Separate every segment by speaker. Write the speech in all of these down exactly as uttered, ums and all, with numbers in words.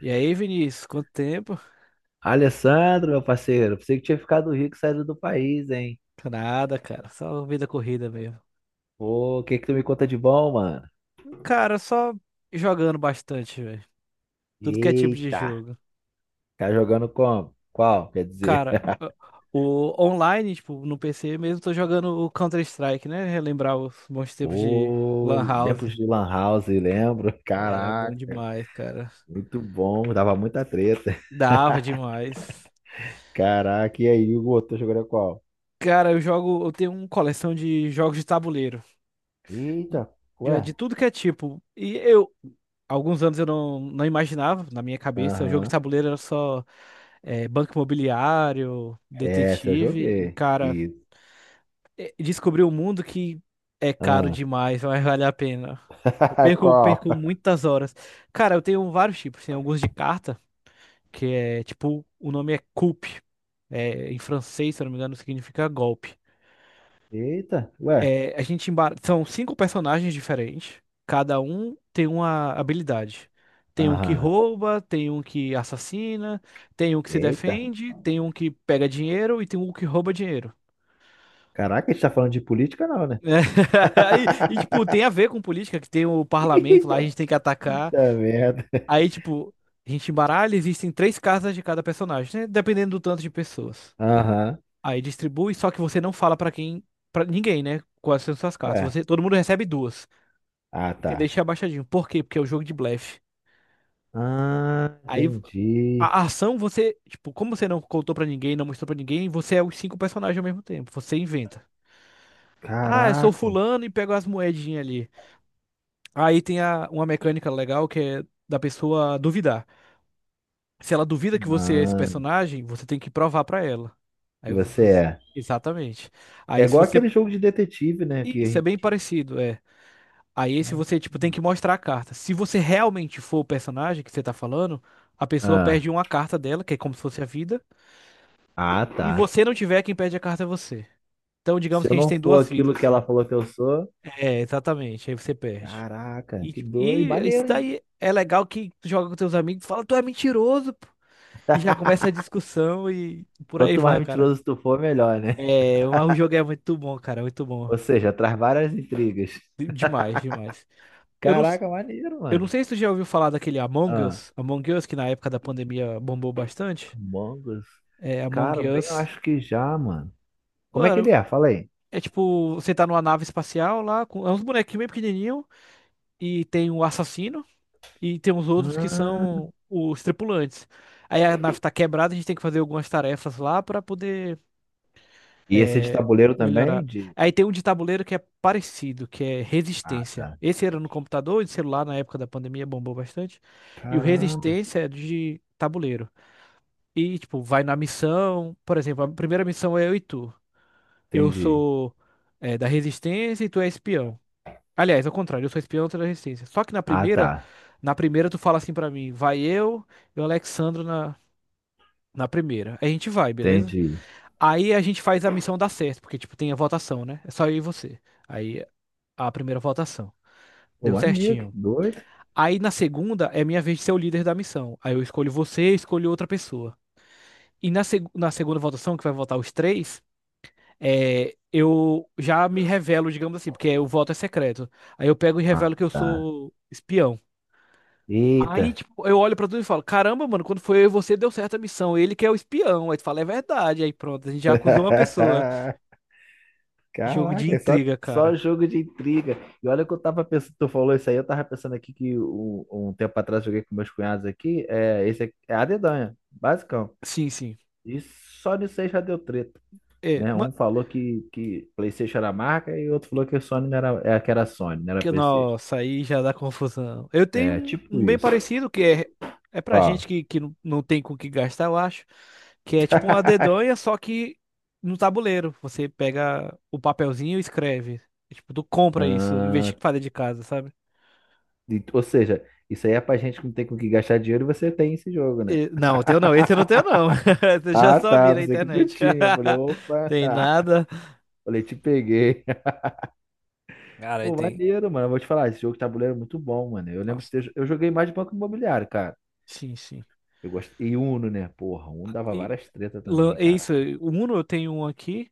Speaker 1: E aí, Vinícius, quanto tempo?
Speaker 2: Alessandro, meu parceiro, pensei que tinha ficado rico e saído do país, hein?
Speaker 1: Nada, cara, só vida corrida mesmo.
Speaker 2: Pô, o que que tu me conta de bom, mano?
Speaker 1: Cara, só jogando bastante, velho. Tudo que é tipo de
Speaker 2: Eita,
Speaker 1: jogo.
Speaker 2: tá jogando como? Qual? Quer dizer,
Speaker 1: Cara, o o online, tipo, no P C mesmo, tô jogando o Counter-Strike, né? Relembrar os bons tempos de
Speaker 2: pô,
Speaker 1: Lan House.
Speaker 2: lembro de Lan House, lembro?
Speaker 1: Era bom
Speaker 2: Caraca,
Speaker 1: demais, cara.
Speaker 2: muito bom, dava muita treta.
Speaker 1: Dava demais.
Speaker 2: Caraca, e aí, Hugo, tu jogando qual?
Speaker 1: Cara, eu jogo, eu tenho uma coleção de jogos de tabuleiro.
Speaker 2: Eita, ué?
Speaker 1: Já de tudo que é tipo. E eu, alguns anos eu não, não imaginava, na minha cabeça, jogo de
Speaker 2: Aham,
Speaker 1: tabuleiro era só é, banco imobiliário,
Speaker 2: Essa eu
Speaker 1: detetive. E,
Speaker 2: joguei.
Speaker 1: cara,
Speaker 2: Isso.
Speaker 1: é, descobri um mundo que é caro
Speaker 2: Ah.
Speaker 1: demais, mas vale a pena. Eu perco,
Speaker 2: Qual?
Speaker 1: perco muitas horas. Cara, eu tenho vários tipos, tem alguns de carta, que é tipo, o nome é coup. É, em francês, se eu não me engano, significa golpe.
Speaker 2: Eita, ué?
Speaker 1: É, a gente embar... são cinco personagens diferentes. Cada um tem uma habilidade. Tem um que
Speaker 2: Aham,
Speaker 1: rouba, tem um que assassina, tem um que se
Speaker 2: Eita,
Speaker 1: defende, tem um que pega dinheiro e tem um que rouba dinheiro.
Speaker 2: caraca, a gente tá falando de política, não, né?
Speaker 1: Né? E, e, tipo, tem a ver com política, que tem o parlamento lá, a
Speaker 2: Eita
Speaker 1: gente tem que atacar.
Speaker 2: puta merda.
Speaker 1: Aí, tipo, a gente embaralha, existem três casas de cada personagem, né? Dependendo do tanto de pessoas.
Speaker 2: Aham.
Speaker 1: Aí distribui, só que você não fala pra quem, para ninguém, né? Quais são suas cartas.
Speaker 2: Ué.
Speaker 1: Você, todo mundo recebe duas.
Speaker 2: Ah,
Speaker 1: Tem que
Speaker 2: tá.
Speaker 1: deixar abaixadinho. Por quê? Porque é o jogo de blefe.
Speaker 2: Ah,
Speaker 1: Aí
Speaker 2: entendi.
Speaker 1: a ação você, tipo, como você não contou pra ninguém, não mostrou pra ninguém, você é os cinco personagens ao mesmo tempo. Você inventa. Ah, eu sou
Speaker 2: Caraca,
Speaker 1: fulano e pego as moedinhas ali. Aí tem a, uma mecânica legal que é da pessoa duvidar. Se ela duvida que você é esse
Speaker 2: mano.
Speaker 1: personagem, você tem que provar pra ela.
Speaker 2: Que
Speaker 1: Aí
Speaker 2: você
Speaker 1: você-
Speaker 2: é.
Speaker 1: Exatamente.
Speaker 2: É
Speaker 1: Aí se
Speaker 2: igual
Speaker 1: você.
Speaker 2: aquele jogo de detetive, né? Que a
Speaker 1: Isso é bem
Speaker 2: gente.
Speaker 1: parecido. É. Aí se você, tipo, tem que mostrar a carta. Se você realmente for o personagem que você tá falando, a pessoa
Speaker 2: Ah,
Speaker 1: perde uma carta dela, que é como se fosse a vida.
Speaker 2: ah,
Speaker 1: E
Speaker 2: tá.
Speaker 1: você não tiver, quem perde a carta é você. Então, digamos
Speaker 2: Se
Speaker 1: que
Speaker 2: eu
Speaker 1: a gente
Speaker 2: não
Speaker 1: tem
Speaker 2: for
Speaker 1: duas
Speaker 2: aquilo
Speaker 1: vidas,
Speaker 2: que ela
Speaker 1: assim.
Speaker 2: falou que eu sou,
Speaker 1: É, exatamente. Aí você perde.
Speaker 2: caraca,
Speaker 1: E,
Speaker 2: que
Speaker 1: tipo,
Speaker 2: doido,
Speaker 1: e isso
Speaker 2: maneiro, hein?
Speaker 1: daí é legal que tu joga com teus amigos, fala, tu é mentiroso, pô. E já começa a discussão e por aí
Speaker 2: Quanto mais
Speaker 1: vai, cara.
Speaker 2: mentiroso tu for, melhor, né?
Speaker 1: É, mas o jogo é muito bom, cara, muito bom.
Speaker 2: Ou seja, traz várias intrigas.
Speaker 1: De- Demais, demais. Eu não,
Speaker 2: Caraca, maneiro,
Speaker 1: Eu não
Speaker 2: mano.
Speaker 1: sei se tu já ouviu falar daquele Among
Speaker 2: Ah,
Speaker 1: Us, Among Us, que na época da pandemia bombou bastante.
Speaker 2: Among Us.
Speaker 1: É, Among
Speaker 2: Cara, bem, eu
Speaker 1: Us.
Speaker 2: acho que já, mano. Como é que
Speaker 1: Mano,
Speaker 2: ele é? Fala aí.
Speaker 1: é tipo, você tá numa nave espacial lá, com é uns bonequinhos bem pequenininhos, e tem um assassino, e tem uns outros que
Speaker 2: Ah,
Speaker 1: são os tripulantes. Aí a nave tá quebrada, a gente tem que fazer algumas tarefas lá pra poder
Speaker 2: e esse é de
Speaker 1: é,
Speaker 2: tabuleiro também?
Speaker 1: melhorar.
Speaker 2: De...
Speaker 1: Aí tem um de tabuleiro que é parecido, que é
Speaker 2: Ah,
Speaker 1: Resistência.
Speaker 2: tá.
Speaker 1: Esse era no computador e de celular na época da pandemia bombou bastante. E o
Speaker 2: Caramba.
Speaker 1: Resistência é de tabuleiro. E, tipo, vai na missão. Por exemplo, a primeira missão é eu e tu. Eu
Speaker 2: Entendi.
Speaker 1: sou é, da Resistência e tu é espião. Aliás, ao contrário, eu sou espião, tu é da Resistência. Só que na
Speaker 2: Ah, tá.
Speaker 1: primeira, na primeira tu fala assim pra mim, vai eu e o Alexandro na, na primeira. Aí a gente vai, beleza?
Speaker 2: Entendi.
Speaker 1: Aí a gente faz a missão dar certo, porque, tipo, tem a votação, né? É só eu e você. Aí a primeira votação.
Speaker 2: Pô,
Speaker 1: Deu
Speaker 2: maneiro, que
Speaker 1: certinho.
Speaker 2: doido.
Speaker 1: Aí na segunda é minha vez de ser o líder da missão. Aí eu escolho você, escolho outra pessoa. E na, seg na segunda votação, que vai votar os três. É, eu já me revelo, digamos assim, porque o voto é secreto. Aí eu pego e
Speaker 2: Ah,
Speaker 1: revelo que eu
Speaker 2: tá.
Speaker 1: sou espião. Aí,
Speaker 2: Eita.
Speaker 1: tipo, eu olho pra tudo e falo, caramba, mano, quando foi eu e você, deu certo a missão. Ele que é o espião. Aí tu fala, é verdade. Aí pronto, a gente já acusou uma pessoa. Jogo de
Speaker 2: Caraca, é só,
Speaker 1: intriga,
Speaker 2: só
Speaker 1: cara.
Speaker 2: jogo de intriga. E olha que eu tava pensando, tu falou isso aí, eu tava pensando aqui que um, um tempo atrás eu joguei com meus cunhados aqui, é, esse aqui é a dedanha, basicão.
Speaker 1: Sim, sim.
Speaker 2: E só nisso aí já deu treta.
Speaker 1: É,
Speaker 2: Né?
Speaker 1: ma-
Speaker 2: Um falou que, que PlayStation era marca e outro falou que a Sony não era, é, que era Sony, não era
Speaker 1: Que,
Speaker 2: PlayStation.
Speaker 1: nossa, aí já dá confusão. Eu tenho
Speaker 2: É,
Speaker 1: um,
Speaker 2: tipo
Speaker 1: um bem
Speaker 2: isso.
Speaker 1: parecido que é, é pra
Speaker 2: Qual?
Speaker 1: gente que, que não não tem com o que gastar, eu acho. Que é tipo uma dedonha, só que no tabuleiro. Você pega o papelzinho e escreve. É, tipo, tu compra isso, em vez
Speaker 2: Ah,
Speaker 1: de fazer de casa, sabe?
Speaker 2: e- ou seja, isso aí é pra gente que não tem com o que gastar dinheiro e você tem esse jogo, né?
Speaker 1: E- não, o teu não, esse eu não tenho não. Eu já
Speaker 2: Ah,
Speaker 1: só vi
Speaker 2: tá,
Speaker 1: na
Speaker 2: pensei que tu
Speaker 1: internet.
Speaker 2: tinha. Eu falei, opa,
Speaker 1: Tem nada.
Speaker 2: falei, te peguei.
Speaker 1: Cara, aí
Speaker 2: Pô,
Speaker 1: tem.
Speaker 2: maneiro, mano. Eu vou te falar, esse jogo de tabuleiro é muito bom, mano. Eu lembro de
Speaker 1: Nossa.
Speaker 2: ter, eu joguei mais de Banco Imobiliário, cara.
Speaker 1: Sim, sim.
Speaker 2: Eu gosto E Uno, né? Porra, Uno dava
Speaker 1: E,
Speaker 2: várias tretas
Speaker 1: lan-
Speaker 2: também,
Speaker 1: é
Speaker 2: cara.
Speaker 1: isso, o Uno eu tenho um aqui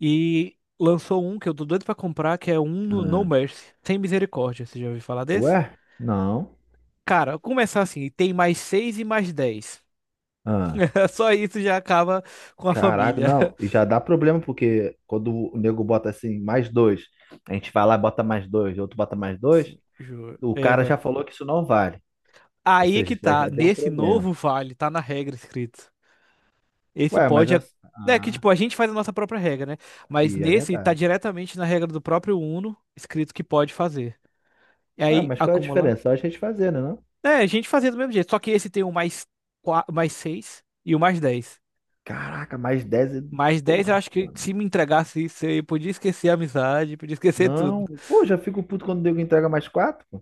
Speaker 1: e lançou um que eu tô doido pra comprar, que é um no No
Speaker 2: Ah,
Speaker 1: Mercy, sem misericórdia. Você já ouviu falar desse?
Speaker 2: Ué? Não.
Speaker 1: Cara, começar assim, tem mais seis e mais dez.
Speaker 2: Ah.
Speaker 1: Só isso já acaba com a
Speaker 2: Caraca,
Speaker 1: família.
Speaker 2: não, e já dá problema, porque quando o nego bota assim, mais dois, a gente vai lá e bota mais dois, outro bota mais dois,
Speaker 1: Sim, juro.
Speaker 2: o
Speaker 1: É,
Speaker 2: cara já
Speaker 1: exato.
Speaker 2: falou que isso não vale. Ou
Speaker 1: Aí é
Speaker 2: seja,
Speaker 1: que
Speaker 2: isso daí
Speaker 1: tá,
Speaker 2: já deu um
Speaker 1: nesse
Speaker 2: problema.
Speaker 1: novo vale, tá na regra escrito. Esse
Speaker 2: Ué, mas
Speaker 1: pode. É,
Speaker 2: as...
Speaker 1: né, que
Speaker 2: Ah,
Speaker 1: tipo, a gente faz a nossa própria regra, né? Mas
Speaker 2: e é
Speaker 1: nesse tá
Speaker 2: verdade.
Speaker 1: diretamente na regra do próprio Uno, escrito que pode fazer. E
Speaker 2: Ué,
Speaker 1: aí,
Speaker 2: mas qual é a
Speaker 1: acumular.
Speaker 2: diferença? Só a gente fazer, né, não?
Speaker 1: É, a gente fazia do mesmo jeito, só que esse tem o mais, qua- mais seis e o mais dez.
Speaker 2: Caraca, mais dez e...
Speaker 1: Mais dez, eu
Speaker 2: Porra,
Speaker 1: acho que
Speaker 2: mano.
Speaker 1: se me entregasse isso, eu podia esquecer a amizade, podia esquecer tudo.
Speaker 2: Não, pô, já fico puto quando o nego entrega mais quatro, pô.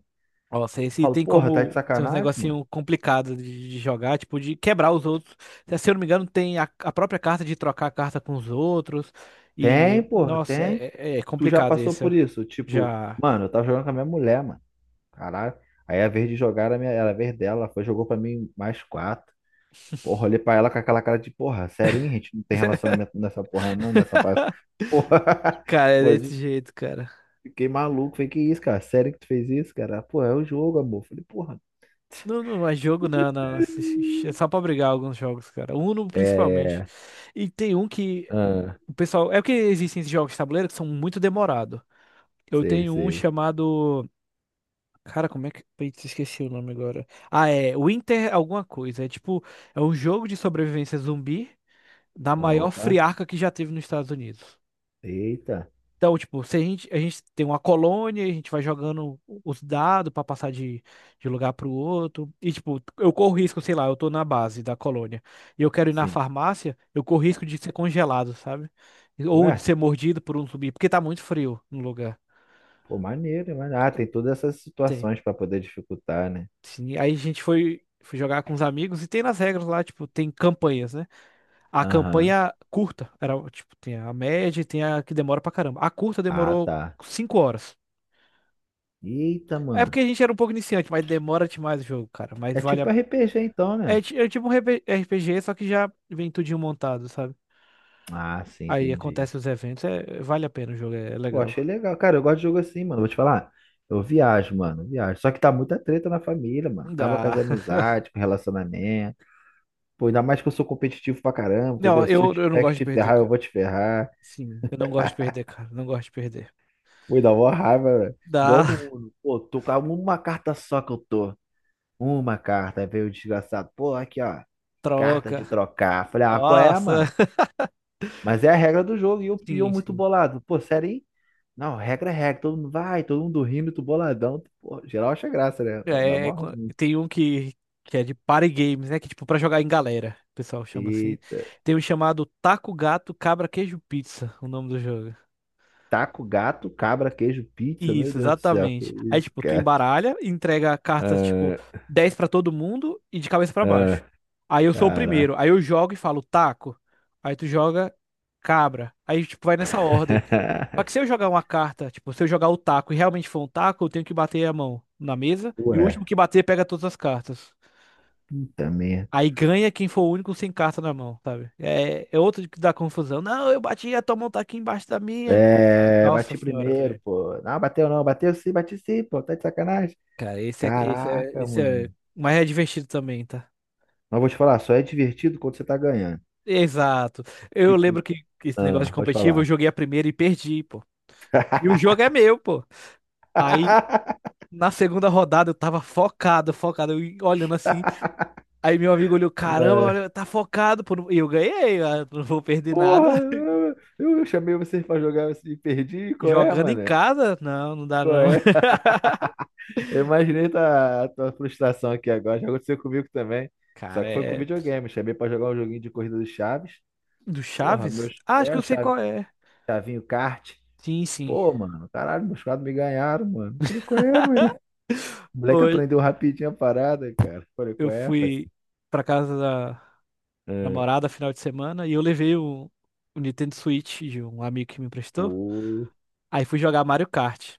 Speaker 1: Nossa,
Speaker 2: Eu
Speaker 1: esse
Speaker 2: falo,
Speaker 1: tem
Speaker 2: porra, tá de
Speaker 1: como tem uns
Speaker 2: sacanagem, mano.
Speaker 1: negocinho complicado de, de jogar, tipo, de quebrar os outros. Se se eu não me engano, tem a, a própria carta de trocar a carta com os outros. E,
Speaker 2: Tem, porra,
Speaker 1: nossa,
Speaker 2: tem.
Speaker 1: é, é- é
Speaker 2: Tu já
Speaker 1: complicado
Speaker 2: passou
Speaker 1: esse, ó.
Speaker 2: por isso. Tipo,
Speaker 1: Já.
Speaker 2: mano, eu tava jogando com a minha mulher, mano. Caralho. Aí a vez de jogar era, a minha, era a vez dela. Ela foi, jogou pra mim mais quatro. Porra, olhei pra ela com aquela cara de porra, sério, hein? A gente não tem relacionamento nessa porra, não, nessa pa- porra.
Speaker 1: Cara, é
Speaker 2: Pô,
Speaker 1: desse
Speaker 2: eu
Speaker 1: jeito, cara.
Speaker 2: fiquei maluco. Falei, que isso, cara? Sério que tu fez isso, cara? Pô, é o jogo, amor. Falei, porra.
Speaker 1: Não, não é jogo, não, não. Esse- esse- É só pra brigar alguns jogos, cara. Uno, principalmente.
Speaker 2: É.
Speaker 1: E tem um que
Speaker 2: Ah,
Speaker 1: O pessoal, é porque existem esses jogos de tabuleiro que são muito demorados. Eu
Speaker 2: sei,
Speaker 1: tenho um
Speaker 2: sei.
Speaker 1: chamado. Cara, como é que. Putz, esqueci o nome agora. Ah, é. Winter alguma coisa. É tipo. É um jogo de sobrevivência zumbi da maior
Speaker 2: Opa,
Speaker 1: friarca que já teve nos Estados Unidos.
Speaker 2: eita,
Speaker 1: Então, tipo, se a gente, a gente tem uma colônia, a gente vai jogando os dados pra passar de, de lugar pro outro. E, tipo, eu corro risco, sei lá, eu tô na base da colônia e eu quero ir na
Speaker 2: sim.
Speaker 1: farmácia, eu corro risco de ser congelado, sabe? Ou
Speaker 2: Ué,
Speaker 1: de ser mordido por um zumbi, porque tá muito frio no lugar.
Speaker 2: pô, maneiro, mas ah, tem todas essas
Speaker 1: Tem.
Speaker 2: situações pra poder dificultar, né?
Speaker 1: Sim, aí a gente foi, foi jogar com os amigos e tem nas regras lá, tipo, tem campanhas, né? A
Speaker 2: Aham.
Speaker 1: campanha curta, era, tipo, tem a média e tem a que demora pra caramba. A curta
Speaker 2: Ah,
Speaker 1: demorou
Speaker 2: tá.
Speaker 1: cinco horas.
Speaker 2: Eita,
Speaker 1: É
Speaker 2: mano.
Speaker 1: porque a gente era um pouco iniciante, mas demora demais o jogo, cara. Mas
Speaker 2: É
Speaker 1: vale
Speaker 2: tipo
Speaker 1: a...
Speaker 2: R P G então,
Speaker 1: É,
Speaker 2: né?
Speaker 1: ti- é tipo um RP R P G, só que já vem tudinho montado, sabe?
Speaker 2: Ah, sim,
Speaker 1: Aí
Speaker 2: entendi.
Speaker 1: acontece os eventos, é, vale a pena o jogo, é, é
Speaker 2: Pô,
Speaker 1: legal.
Speaker 2: achei legal. Cara, eu gosto de jogo assim, mano. Vou te falar. Eu viajo, mano, eu viajo. Só que tá muita treta na família, mano. Acaba com as
Speaker 1: Dá.
Speaker 2: amizades, com relacionamento. Pô, ainda mais que eu sou competitivo pra caramba,
Speaker 1: Não,
Speaker 2: entendeu? Se eu
Speaker 1: eu, eu não
Speaker 2: tiver que
Speaker 1: gosto de
Speaker 2: te
Speaker 1: perder,
Speaker 2: ferrar, eu
Speaker 1: cara.
Speaker 2: vou te ferrar.
Speaker 1: Sim, eu não gosto de perder, cara. Não gosto de perder.
Speaker 2: Pô, dá uma raiva, velho. Igual no
Speaker 1: Dá,
Speaker 2: Uno. Pô, tô com uma carta só que eu tô. Uma carta. Aí veio o desgraçado. Pô, aqui, ó. Carta
Speaker 1: troca.
Speaker 2: de trocar. Falei, ah, qual é,
Speaker 1: Nossa.
Speaker 2: mano? Mas é a regra do jogo. E eu, e eu
Speaker 1: Sim,
Speaker 2: muito
Speaker 1: sim.
Speaker 2: bolado. Pô, sério, hein? Não, regra é regra, todo mundo vai, todo mundo rindo, tu boladão. tu- Pô, geral acha graça, né? Dá
Speaker 1: É, é
Speaker 2: mó.
Speaker 1: co- tem um que, que é de party games, né? Que tipo, pra jogar em galera, o pessoal chama assim.
Speaker 2: Eita.
Speaker 1: Tem um chamado Taco Gato Cabra Queijo Pizza, o nome do jogo.
Speaker 2: Taco, gato, cabra, queijo, pizza, meu
Speaker 1: Isso,
Speaker 2: Deus do céu, que
Speaker 1: exatamente. Aí,
Speaker 2: isso,
Speaker 1: tipo, tu
Speaker 2: cara?
Speaker 1: embaralha, entrega cartas, tipo,
Speaker 2: Ah,
Speaker 1: dez pra todo mundo e de cabeça pra
Speaker 2: ah,
Speaker 1: baixo. Aí eu sou o
Speaker 2: cara.
Speaker 1: primeiro. Aí eu jogo e falo taco. Aí tu joga cabra. Aí, tipo, vai nessa ordem. Só que se eu jogar uma carta, tipo, se eu jogar o taco e realmente for um taco, eu tenho que bater a mão na mesa. E o
Speaker 2: Ué,
Speaker 1: último que bater pega todas as cartas.
Speaker 2: puta merda.
Speaker 1: Aí ganha quem for o único sem carta na mão, sabe? É, é outro que dá confusão. Não, eu bati, a tua mão tá aqui embaixo da minha.
Speaker 2: É,
Speaker 1: Nossa
Speaker 2: bati
Speaker 1: senhora,
Speaker 2: primeiro,
Speaker 1: velho.
Speaker 2: pô. Não, bateu não, bateu sim, bati sim, pô, tá de sacanagem.
Speaker 1: Cara, esse é, esse é,
Speaker 2: Caraca,
Speaker 1: esse é
Speaker 2: mano.
Speaker 1: mais divertido também, tá?
Speaker 2: Mas vou te falar, só é divertido quando você tá ganhando.
Speaker 1: Exato. Eu lembro
Speaker 2: Tipo,
Speaker 1: que que esse negócio de
Speaker 2: ah, vou te
Speaker 1: competitivo, eu
Speaker 2: falar.
Speaker 1: joguei a primeira e perdi, pô. E o jogo é meu, pô. Aí, na segunda rodada, eu tava focado, focado, eu olhando assim. Aí meu amigo olhou, caramba, olha, tá focado, pô. E eu ganhei, eu "Ah, não vou perder nada.
Speaker 2: Porra, eu, eu chamei vocês pra jogar e perdi. Qual é,
Speaker 1: Jogando em
Speaker 2: mané?
Speaker 1: casa, não, não dá
Speaker 2: Qual
Speaker 1: não.
Speaker 2: é? Eu imaginei tua, a tua frustração aqui agora. Já aconteceu comigo também. Só
Speaker 1: Cara,
Speaker 2: que foi com
Speaker 1: é...
Speaker 2: videogame. Chamei pra jogar um joguinho de corrida do Chaves.
Speaker 1: Do
Speaker 2: Porra,
Speaker 1: Chaves?
Speaker 2: meus.
Speaker 1: Ah, acho
Speaker 2: É,
Speaker 1: que
Speaker 2: o
Speaker 1: eu sei
Speaker 2: Chave-
Speaker 1: qual é.
Speaker 2: Chavinho Kart.
Speaker 1: Sim, sim.
Speaker 2: Pô, mano, caralho, meus quadros me ganharam, mano. Falei, qual é, mano. O moleque
Speaker 1: Hoje
Speaker 2: aprendeu rapidinho a parada, cara. Falei,
Speaker 1: eu
Speaker 2: qual é, Fassi?
Speaker 1: fui pra casa da
Speaker 2: É,
Speaker 1: namorada final de semana e eu levei o, o Nintendo Switch de um amigo que me emprestou.
Speaker 2: Pô.
Speaker 1: Aí fui jogar Mario Kart.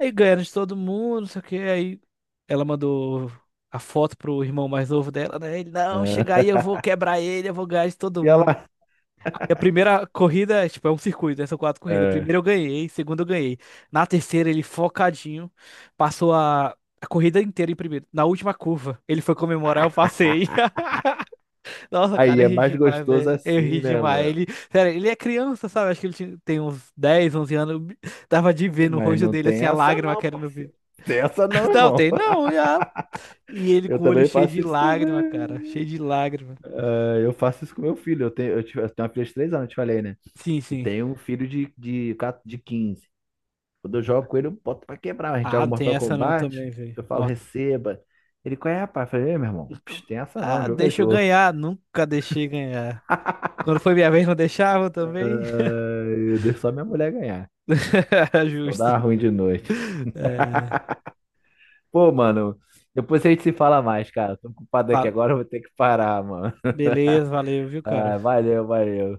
Speaker 1: Aí ganhando de todo mundo, não sei o que. Aí ela mandou a foto pro irmão mais novo dela, né? Ele, não, chega aí, eu vou quebrar ele, eu vou ganhar de todo
Speaker 2: E
Speaker 1: mundo.
Speaker 2: ela.
Speaker 1: Aí a primeira corrida, é, tipo, é um circuito, né? São quatro corridas.
Speaker 2: É.
Speaker 1: Primeiro eu ganhei, segunda eu ganhei. Na terceira, ele focadinho, passou a. A corrida inteira em primeiro. Na última curva, ele foi comemorar, eu passei. Nossa,
Speaker 2: Aí
Speaker 1: cara, eu
Speaker 2: é
Speaker 1: ri
Speaker 2: mais
Speaker 1: demais,
Speaker 2: gostoso
Speaker 1: velho. Eu ri
Speaker 2: assim, né,
Speaker 1: demais.
Speaker 2: mano?
Speaker 1: Ele, sério, ele é criança, sabe? Acho que ele tinha- tem uns dez, onze anos. Dava de ver no
Speaker 2: Mas
Speaker 1: rosto
Speaker 2: não
Speaker 1: dele,
Speaker 2: tem
Speaker 1: assim, a
Speaker 2: essa
Speaker 1: lágrima
Speaker 2: não,
Speaker 1: querendo vir.
Speaker 2: parceiro. Tem essa não,
Speaker 1: Não,
Speaker 2: irmão.
Speaker 1: tem não. E, a- e ele
Speaker 2: Eu
Speaker 1: com o olho
Speaker 2: também
Speaker 1: cheio de
Speaker 2: faço isso
Speaker 1: lágrima, cara.
Speaker 2: também.
Speaker 1: Cheio de lágrima.
Speaker 2: É, eu faço isso com meu filho. Eu tenho, eu tive- eu tenho uma filha de três anos, eu te falei, né?
Speaker 1: Sim,
Speaker 2: E
Speaker 1: sim.
Speaker 2: tenho um filho de, de, quatro de quinze. Quando eu jogo com ele, eu boto pra quebrar. A gente
Speaker 1: Ah,
Speaker 2: joga
Speaker 1: não tem
Speaker 2: Mortal
Speaker 1: essa não
Speaker 2: Kombat,
Speaker 1: também, velho.
Speaker 2: eu falo,
Speaker 1: Mó-
Speaker 2: receba. Ele, qual é, rapaz? Eu falei, "Ei, meu irmão, psh, tem essa não,
Speaker 1: Ah,
Speaker 2: jogo é
Speaker 1: deixa eu
Speaker 2: jogo."
Speaker 1: ganhar. Nunca deixei ganhar. Quando foi minha vez, não deixavam também.
Speaker 2: É, eu deixo só minha mulher ganhar. Senão
Speaker 1: Justo.
Speaker 2: dá ruim de noite.
Speaker 1: É,
Speaker 2: Pô, mano, depois a gente se fala mais, cara. Tô ocupado aqui
Speaker 1: va-
Speaker 2: agora, eu vou ter que parar, mano.
Speaker 1: Beleza, valeu, viu, cara?
Speaker 2: Ah, valeu, valeu.